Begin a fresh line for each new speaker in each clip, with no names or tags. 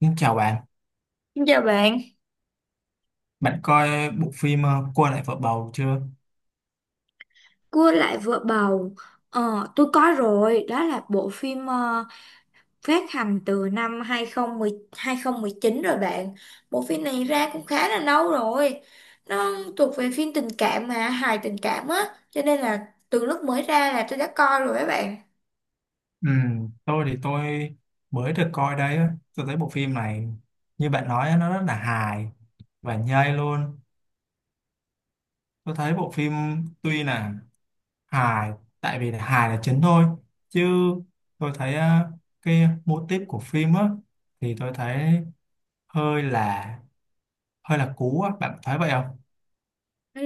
Xin chào bạn,
Xin chào bạn.
bạn coi bộ phim Cô lại vợ bầu chưa?
Cua lại vợ bầu. Tôi có rồi, đó là bộ phim phát hành từ năm 2010, 2019 rồi bạn. Bộ phim này ra cũng khá là lâu rồi. Nó thuộc về phim tình cảm mà, hài tình cảm á, cho nên là từ lúc mới ra là tôi đã coi rồi các bạn.
Ừ, tôi mới được coi đấy, á. Tôi thấy bộ phim này như bạn nói á, nó rất là hài và nhây luôn. Tôi thấy bộ phim tuy là hài, tại vì là hài là chính thôi, chứ tôi thấy cái mô típ của phim á thì tôi thấy hơi là hơi là cũ á, bạn thấy vậy không?
Ừ,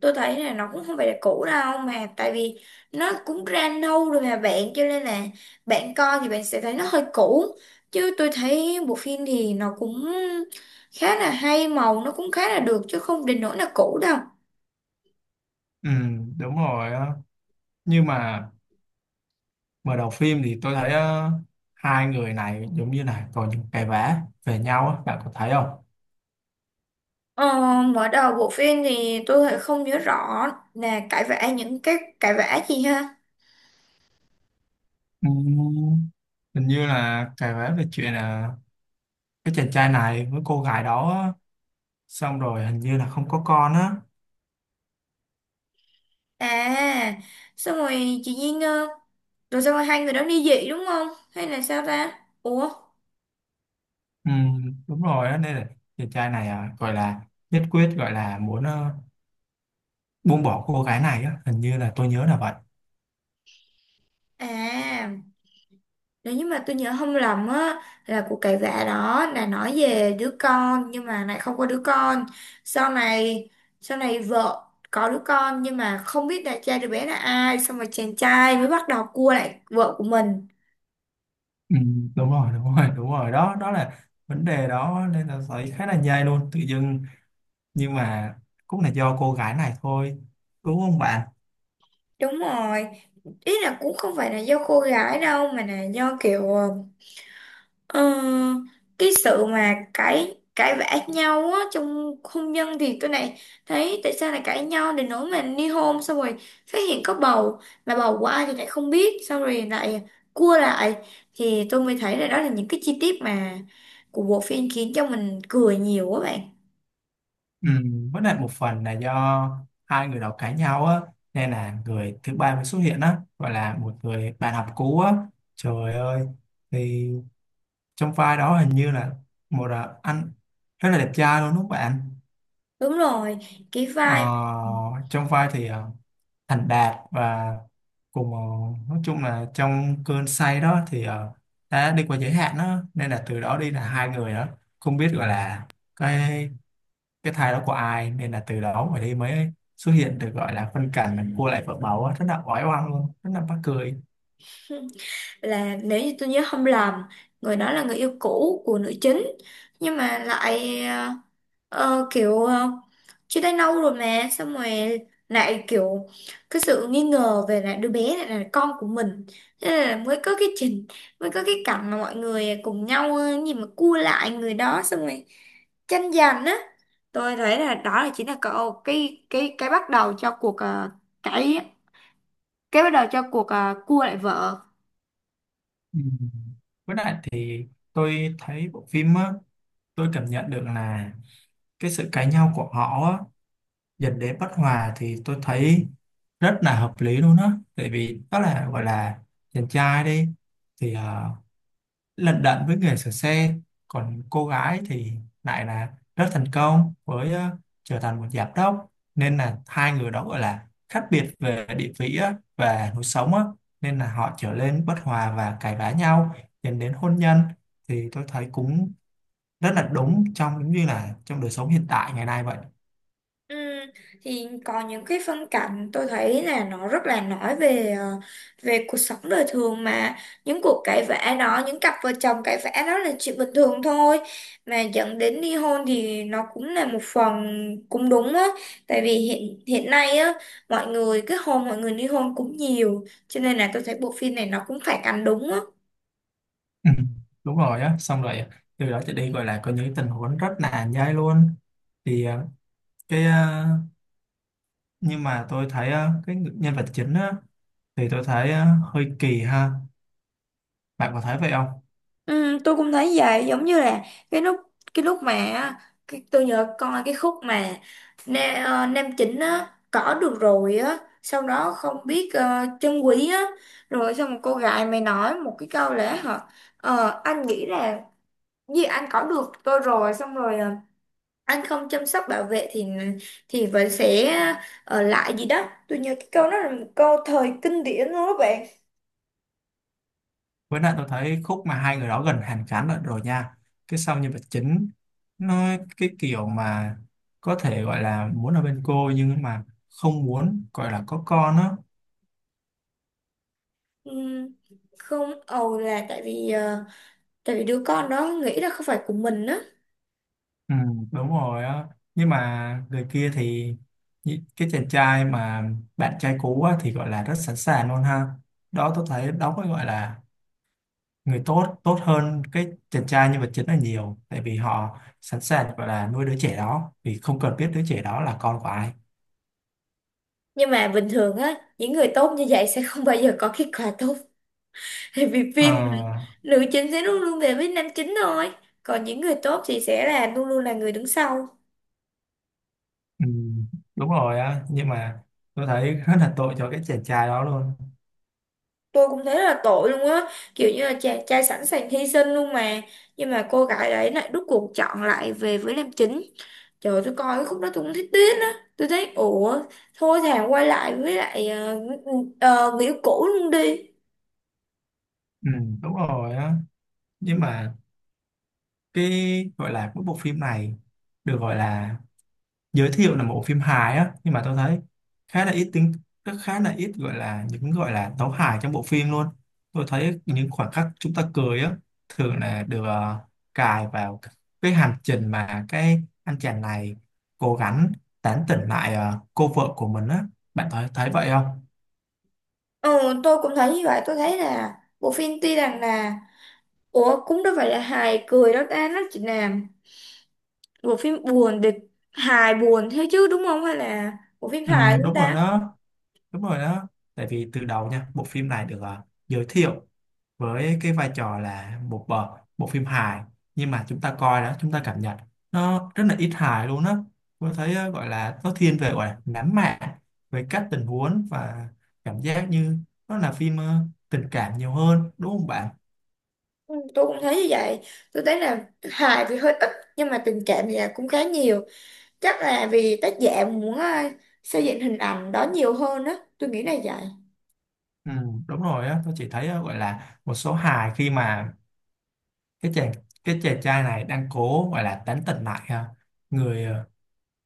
tôi thấy là nó cũng không phải là cũ đâu mà tại vì nó cũng ra lâu rồi mà bạn, cho nên là bạn coi thì bạn sẽ thấy nó hơi cũ, chứ tôi thấy bộ phim thì nó cũng khá là hay, màu nó cũng khá là được chứ không đến nỗi là cũ đâu.
Ừ, đúng rồi, á. Nhưng mà mở đầu phim thì tôi thấy hai người này giống như là có những cái vẽ về nhau á, bạn có thấy không?
ờ, Mở đầu bộ phim thì tôi lại không nhớ rõ là cãi vã, những cái cãi vã gì ha.
Ừm, Hình như là cái vẽ về chuyện là cái chàng trai này với cô gái đó á, xong rồi hình như là không có con á.
À, xong rồi chị Duyên, rồi xong rồi hai người đó ly dị đúng không hay là sao ta, ủa.
Đúng rồi á, nên là chàng trai này à, gọi là nhất quyết gọi là muốn buông bỏ cô gái này á, hình như là tôi nhớ là vậy.
À, nếu như mà tôi nhớ không lầm á là cuộc cãi vã đó là nói về đứa con nhưng mà lại không có đứa con. Sau này, sau này vợ có đứa con nhưng mà không biết là cha đứa bé là ai, xong rồi chàng trai mới bắt đầu cua lại vợ của mình.
Đúng rồi đúng rồi đúng rồi, đó đó là vấn đề đó nên là thấy khá là nhây luôn tự dưng, nhưng mà cũng là do cô gái này thôi, đúng không bạn?
Đúng rồi. Ý là cũng không phải là do cô gái đâu mà là do kiểu Ờ, cái sự mà cãi cãi vã nhau á, trong hôn nhân thì tôi này thấy tại sao lại cãi nhau đến nỗi mà ly hôn, xong rồi phát hiện có bầu mà bầu của ai thì lại không biết, xong rồi lại cua lại, thì tôi mới thấy là đó là những cái chi tiết mà của bộ phim khiến cho mình cười nhiều quá bạn.
Ừ, với lại một phần là do hai người đó cãi nhau á, nên là người thứ ba mới xuất hiện á, gọi là một người bạn học cũ á, trời ơi, thì trong vai đó hình như là một à, anh rất là đẹp trai luôn đúng không bạn?
Đúng rồi, cái
ờ,
vai
Trong vai thì à, thành đạt và cùng nói chung là trong cơn say đó thì đã đi qua giới hạn đó nên là từ đó đi là hai người đó không biết gọi là cái cái thai đó của ai, nên là từ đó mà đi mới xuất hiện được gọi là phân cảnh là cua lại vợ bầu á, rất là oái oăm luôn, rất là mắc cười.
là, nếu như tôi nhớ không lầm, người đó là người yêu cũ của nữ chính, nhưng mà lại Ờ, kiểu ờ, chia tay lâu rồi mà, xong rồi lại kiểu cái sự nghi ngờ về là đứa bé này là con của mình, thế là mới có cái trình mới có cái cảnh mà mọi người cùng nhau gì mà cua lại người đó, xong rồi tranh giành á. Tôi thấy là đó là chính là cậu cái bắt đầu cho cuộc cái cái bắt đầu cho cuộc cua lại vợ.
Ừ, với lại thì tôi thấy bộ phim á, tôi cảm nhận được là cái sự cãi nhau của họ á, dẫn đến bất hòa thì tôi thấy rất là hợp lý luôn á, tại vì đó là gọi là chàng trai đi thì lận đận với nghề sửa xe, còn cô gái thì lại là rất thành công với trở thành một giám đốc, nên là hai người đó gọi là khác biệt về địa vị á, và lối sống á, nên là họ trở nên bất hòa và cãi vã nhau dẫn đến hôn nhân, thì tôi thấy cũng rất là đúng trong giống như là trong đời sống hiện tại ngày nay vậy.
Ừ, thì còn những cái phân cảnh tôi thấy là nó rất là nói về về cuộc sống đời thường mà, những cuộc cãi vã đó, những cặp vợ chồng cãi vã đó là chuyện bình thường thôi, mà dẫn đến ly hôn thì nó cũng là một phần cũng đúng á, tại vì hiện hiện nay á, mọi người kết hôn, mọi người ly hôn cũng nhiều, cho nên là tôi thấy bộ phim này nó cũng phản ánh đúng á.
Ừ, đúng rồi á, xong rồi à, từ đó trở đi gọi là có những tình huống rất là nhai luôn, thì cái ờ, nhưng mà tôi thấy cái nhân vật chính á thì tôi thấy hơi kỳ ha, bạn có thấy vậy không?
Ừ, tôi cũng thấy vậy, giống như là cái lúc cái lúc mà á, cái, tôi nhớ con là cái khúc mà nam chính á cỏ được rồi á, sau đó không biết chân quý á, rồi xong một cô gái mày nói một cái câu lẽ hả, anh nghĩ là gì, anh cỏ được tôi rồi, xong rồi anh không chăm sóc bảo vệ thì vẫn sẽ ở lại gì đó. Tôi nhớ cái câu đó là một câu thời kinh điển luôn đó bạn.
Với lại tôi thấy khúc mà hai người đó gần hàn gắn lại rồi nha, cái sau nhân vật chính nó cái kiểu mà có thể gọi là muốn ở bên cô nhưng mà không muốn gọi là có con á.
Ừ, không ầu là tại vì tại vì đứa con đó nghĩ là không phải của mình á.
Ừ, đúng rồi á, nhưng mà người kia thì cái chàng trai mà bạn trai cũ á, thì gọi là rất sẵn sàng luôn ha, đó tôi thấy đó mới gọi là người tốt, tốt hơn cái chàng trai nhân vật chính là nhiều, tại vì họ sẵn sàng gọi là nuôi đứa trẻ đó vì không cần biết đứa trẻ đó là con của ai.
Nhưng mà bình thường á, những người tốt như vậy sẽ không bao giờ có kết quả tốt. Tại vì phim mà,
À,
nữ chính sẽ luôn luôn về với nam chính thôi, còn những người tốt thì sẽ là luôn luôn là người đứng sau.
ừ, đúng rồi á, nhưng mà tôi thấy rất là tội cho cái chàng trai đó luôn.
Tôi cũng thấy là tội luôn á, kiểu như là chàng trai sẵn sàng hy sinh luôn mà, nhưng mà cô gái đấy lại rút cuộc chọn lại về với nam chính. Trời ơi, tôi coi cái khúc đó tôi cũng thấy tiếc á, tôi thấy ủa, thôi thà quay lại với lại người yêu cũ luôn đi.
Ừ, đúng rồi á, nhưng mà cái gọi là cái bộ phim này được gọi là giới thiệu là một bộ phim hài á, nhưng mà tôi thấy khá là ít tính, rất khá là ít gọi là những gọi là tấu hài trong bộ phim luôn. Tôi thấy những khoảnh khắc chúng ta cười á, thường là được cài vào cái hành trình mà cái anh chàng này cố gắng tán tỉnh lại cô vợ của mình á, bạn thấy thấy vậy không?
Ừ, tôi cũng thấy như vậy, tôi thấy là bộ phim tuy rằng là, ủa cũng đâu phải là hài cười đâu ta, nó chỉ là bộ phim buồn để, hài buồn thế chứ đúng không, hay là bộ phim
Ừ,
hài chúng
đúng rồi
ta.
đó, đúng rồi đó, tại vì từ đầu nha, bộ phim này được giới thiệu với cái vai trò là một bộ phim hài, nhưng mà chúng ta coi đó chúng ta cảm nhận nó rất là ít hài luôn á. Tôi thấy gọi là nó thiên về gọi là nắm mạc về các tình huống, và cảm giác như nó là phim tình cảm nhiều hơn đúng không bạn?
Ừ, tôi cũng thấy như vậy, tôi thấy là hài thì hơi ít, nhưng mà tình cảm thì là cũng khá nhiều, chắc là vì tác giả muốn xây dựng hình ảnh đó nhiều hơn á, tôi nghĩ là vậy.
Ừ, đúng rồi á, tôi chỉ thấy gọi là một số hài khi mà cái chàng cái chàng trai này đang cố gọi là tán tỉnh lại người ờ,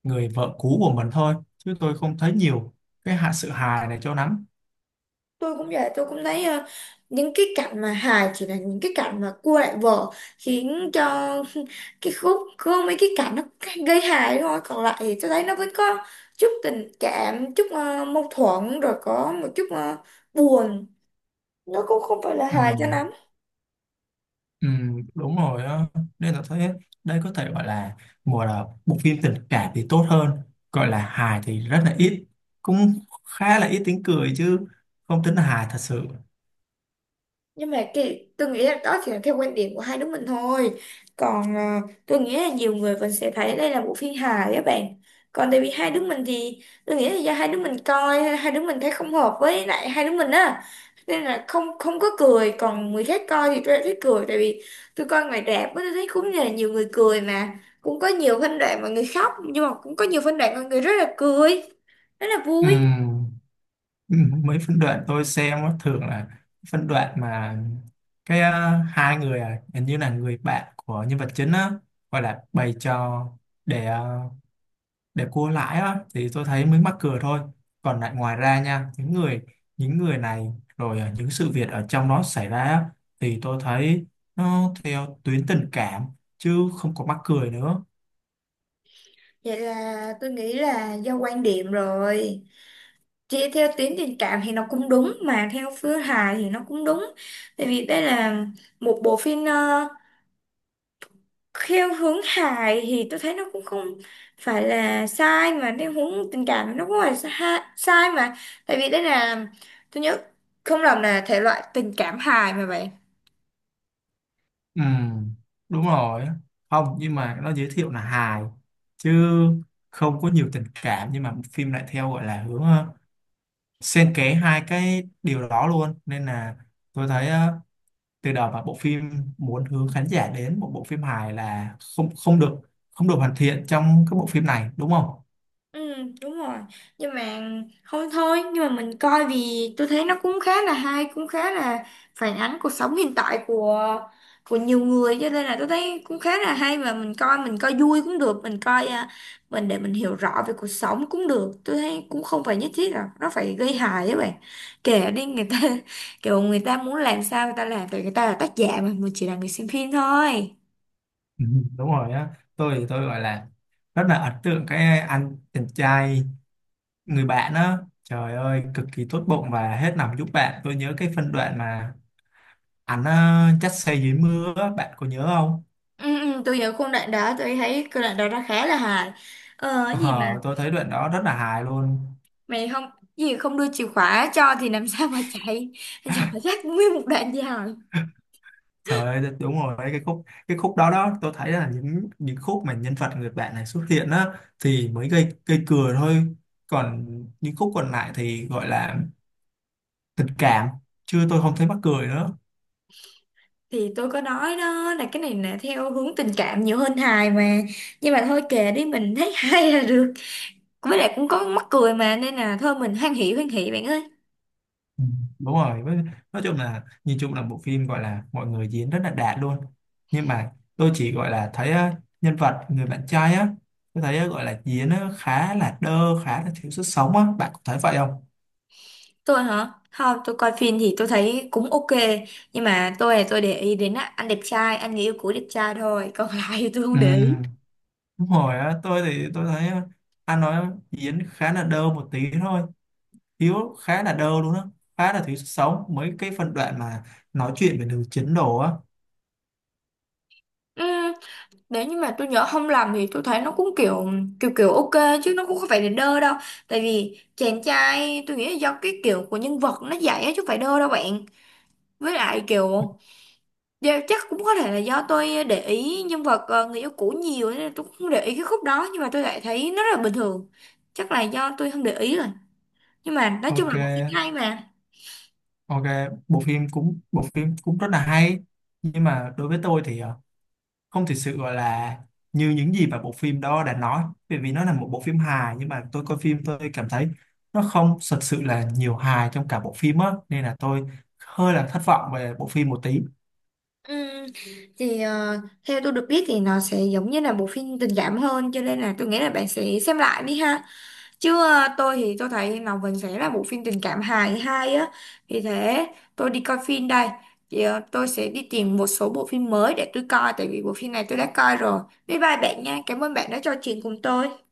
người vợ cũ của mình thôi, chứ tôi không thấy nhiều cái hạ sự hài này cho lắm.
Tôi cũng vậy, tôi cũng thấy những cái cảnh mà hài chỉ là những cái cảnh mà cua lại vợ, khiến cho cái khúc có mấy cái cảnh nó gây hài thôi, còn lại thì tôi thấy nó vẫn có chút tình cảm, chút mâu thuẫn, rồi có một chút buồn, nó cũng không phải là
Ừ.
hài cho lắm.
Ừ, đúng rồi á, nên là thấy đây có thể gọi là một là bộ phim tình cảm thì tốt hơn, gọi là hài thì rất là ít, cũng khá là ít tiếng cười, chứ không tính là hài thật sự.
Nhưng mà cái tôi nghĩ là đó chỉ là theo quan điểm của hai đứa mình thôi, còn tôi nghĩ là nhiều người vẫn sẽ thấy đây là bộ phim hài các bạn. Còn tại vì hai đứa mình thì tôi nghĩ là do hai đứa mình coi, hai đứa mình thấy không hợp với lại hai đứa mình á, nên là không không có cười, còn người khác coi thì tôi lại thích cười. Tại vì tôi coi ngoài rạp á, tôi thấy cũng là nhiều người cười, mà cũng có nhiều phân đoạn mà người khóc, nhưng mà cũng có nhiều phân đoạn mà người rất là cười, rất là vui.
Ừ, ừ, mấy phân đoạn tôi xem á, thường là phân đoạn mà hai người à, hình như là người bạn của nhân vật chính á, gọi là bày trò để để cua lãi á, thì tôi thấy mới mắc cười thôi, còn lại ngoài ra nha, những người này rồi à, những sự việc ở trong đó xảy ra á, thì tôi thấy nó theo tuyến tình cảm chứ không có mắc cười nữa.
Vậy là tôi nghĩ là do quan điểm rồi. Chị theo tuyến tình cảm thì nó cũng đúng, mà theo phương hài thì nó cũng đúng, tại vì đây là một bộ phim theo hướng hài thì tôi thấy nó cũng không phải là sai, mà theo hướng tình cảm thì nó cũng phải sai, sai mà, tại vì đây là, tôi nhớ không lầm là thể loại tình cảm hài mà vậy.
Ừ, đúng rồi, không nhưng mà nó giới thiệu là hài chứ không có nhiều tình cảm, nhưng mà phim lại theo gọi là hướng xen kẽ hai cái điều đó luôn, nên là tôi thấy từ đó mà bộ phim muốn hướng khán giả đến một bộ phim hài là không không được, không được hoàn thiện trong cái bộ phim này, đúng không?
Ừ, đúng rồi. Nhưng mà không thôi, nhưng mà mình coi vì tôi thấy nó cũng khá là hay, cũng khá là phản ánh cuộc sống hiện tại của nhiều người, cho nên là tôi thấy cũng khá là hay, và mình coi vui cũng được, mình coi à, mình để mình hiểu rõ về cuộc sống cũng được. Tôi thấy cũng không phải nhất thiết là nó phải gây hại các bạn. Kể đi người ta kiểu người ta muốn làm sao người ta làm, tại người ta là tác giả mà mình chỉ là người xem phim thôi.
Ừ, đúng rồi á, tôi gọi là rất là ấn tượng cái anh chàng trai, người bạn á, trời ơi cực kỳ tốt bụng và hết lòng giúp bạn. Tôi nhớ cái phân đoạn mà anh dắt xe dưới mưa á, bạn có nhớ không?
Ừ, tôi nhớ khung đoạn đó, tôi thấy cái đoạn đó nó khá là hài. Ờ cái gì mà
Ờ, tôi thấy đoạn đó rất là hài luôn.
mày không, gì không đưa chìa khóa cho thì làm sao mà chạy, dò dắt nguyên một đoạn dài.
Trời ơi, đúng rồi đấy, cái khúc đó đó, tôi thấy là những khúc mà nhân vật người bạn này xuất hiện á thì mới gây gây cười thôi, còn những khúc còn lại thì gọi là tình cảm, chứ tôi không thấy mắc cười nữa.
Thì tôi có nói đó, là cái này là theo hướng tình cảm nhiều hơn hài mà, nhưng mà thôi kệ đi, mình thấy hay là được, với lại cũng có mắc cười mà, nên là thôi mình hoan hỉ bạn ơi.
Ừ, đúng rồi nói chung là nhìn chung là bộ phim gọi là mọi người diễn rất là đạt luôn, nhưng mà tôi chỉ gọi là thấy á, nhân vật người bạn trai á, tôi thấy á, gọi là diễn á, khá là đơ, khá là thiếu sức sống á, bạn có thấy vậy không?
Tôi hả? Không, tôi coi phim thì tôi thấy cũng ok, nhưng mà tôi là tôi để ý đến á, anh đẹp trai, anh người yêu cũ đẹp trai thôi, còn lại thì tôi không
Ừ,
để ý.
đúng rồi á, tôi thấy anh nói diễn khá là đơ một tí thôi, Hiếu khá là đơ luôn á, khá là thiếu sức sống mấy cái phân đoạn mà nói chuyện về nữ chính đồ á.
Ừ, nếu như mà tôi nhớ không lầm thì tôi thấy nó cũng kiểu kiểu kiểu ok chứ nó cũng không phải là đơ đâu. Tại vì chàng trai tôi nghĩ là do cái kiểu của nhân vật nó dạy á, chứ không phải đơ đâu bạn. Với lại kiểu do- chắc cũng có thể là do tôi để ý nhân vật người yêu cũ nhiều, nên là tôi cũng không để ý cái khúc đó, nhưng mà tôi lại thấy nó rất là bình thường. Chắc là do tôi không để ý rồi. Nhưng mà nói chung là bộ phim
Ok,
hay mà.
ok, bộ phim cũng rất là hay, nhưng mà đối với tôi thì không thực sự gọi là như những gì mà bộ phim đó đã nói, bởi vì nó là một bộ phim hài, nhưng mà tôi coi phim tôi cảm thấy nó không thật sự là nhiều hài trong cả bộ phim á, nên là tôi hơi là thất vọng về bộ phim một tí.
Ừm, thì ờ, theo tôi được biết thì nó sẽ giống như là bộ phim tình cảm hơn, cho nên là tôi nghĩ là bạn sẽ xem lại đi ha. Chứ tôi thì tôi thấy Ngọc Vân sẽ là bộ phim tình cảm hài hay á. Thì thế, tôi đi coi phim đây. Thì, tôi sẽ đi tìm một số bộ phim mới để tôi coi, tại vì bộ phim này tôi đã coi rồi. Bye bye bạn nha, cảm ơn bạn đã trò chuyện cùng tôi.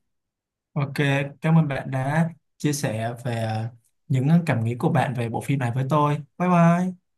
Ok, cảm ơn bạn đã chia sẻ về cảm nghĩ của bạn về bộ phim này với tôi. Bye bye.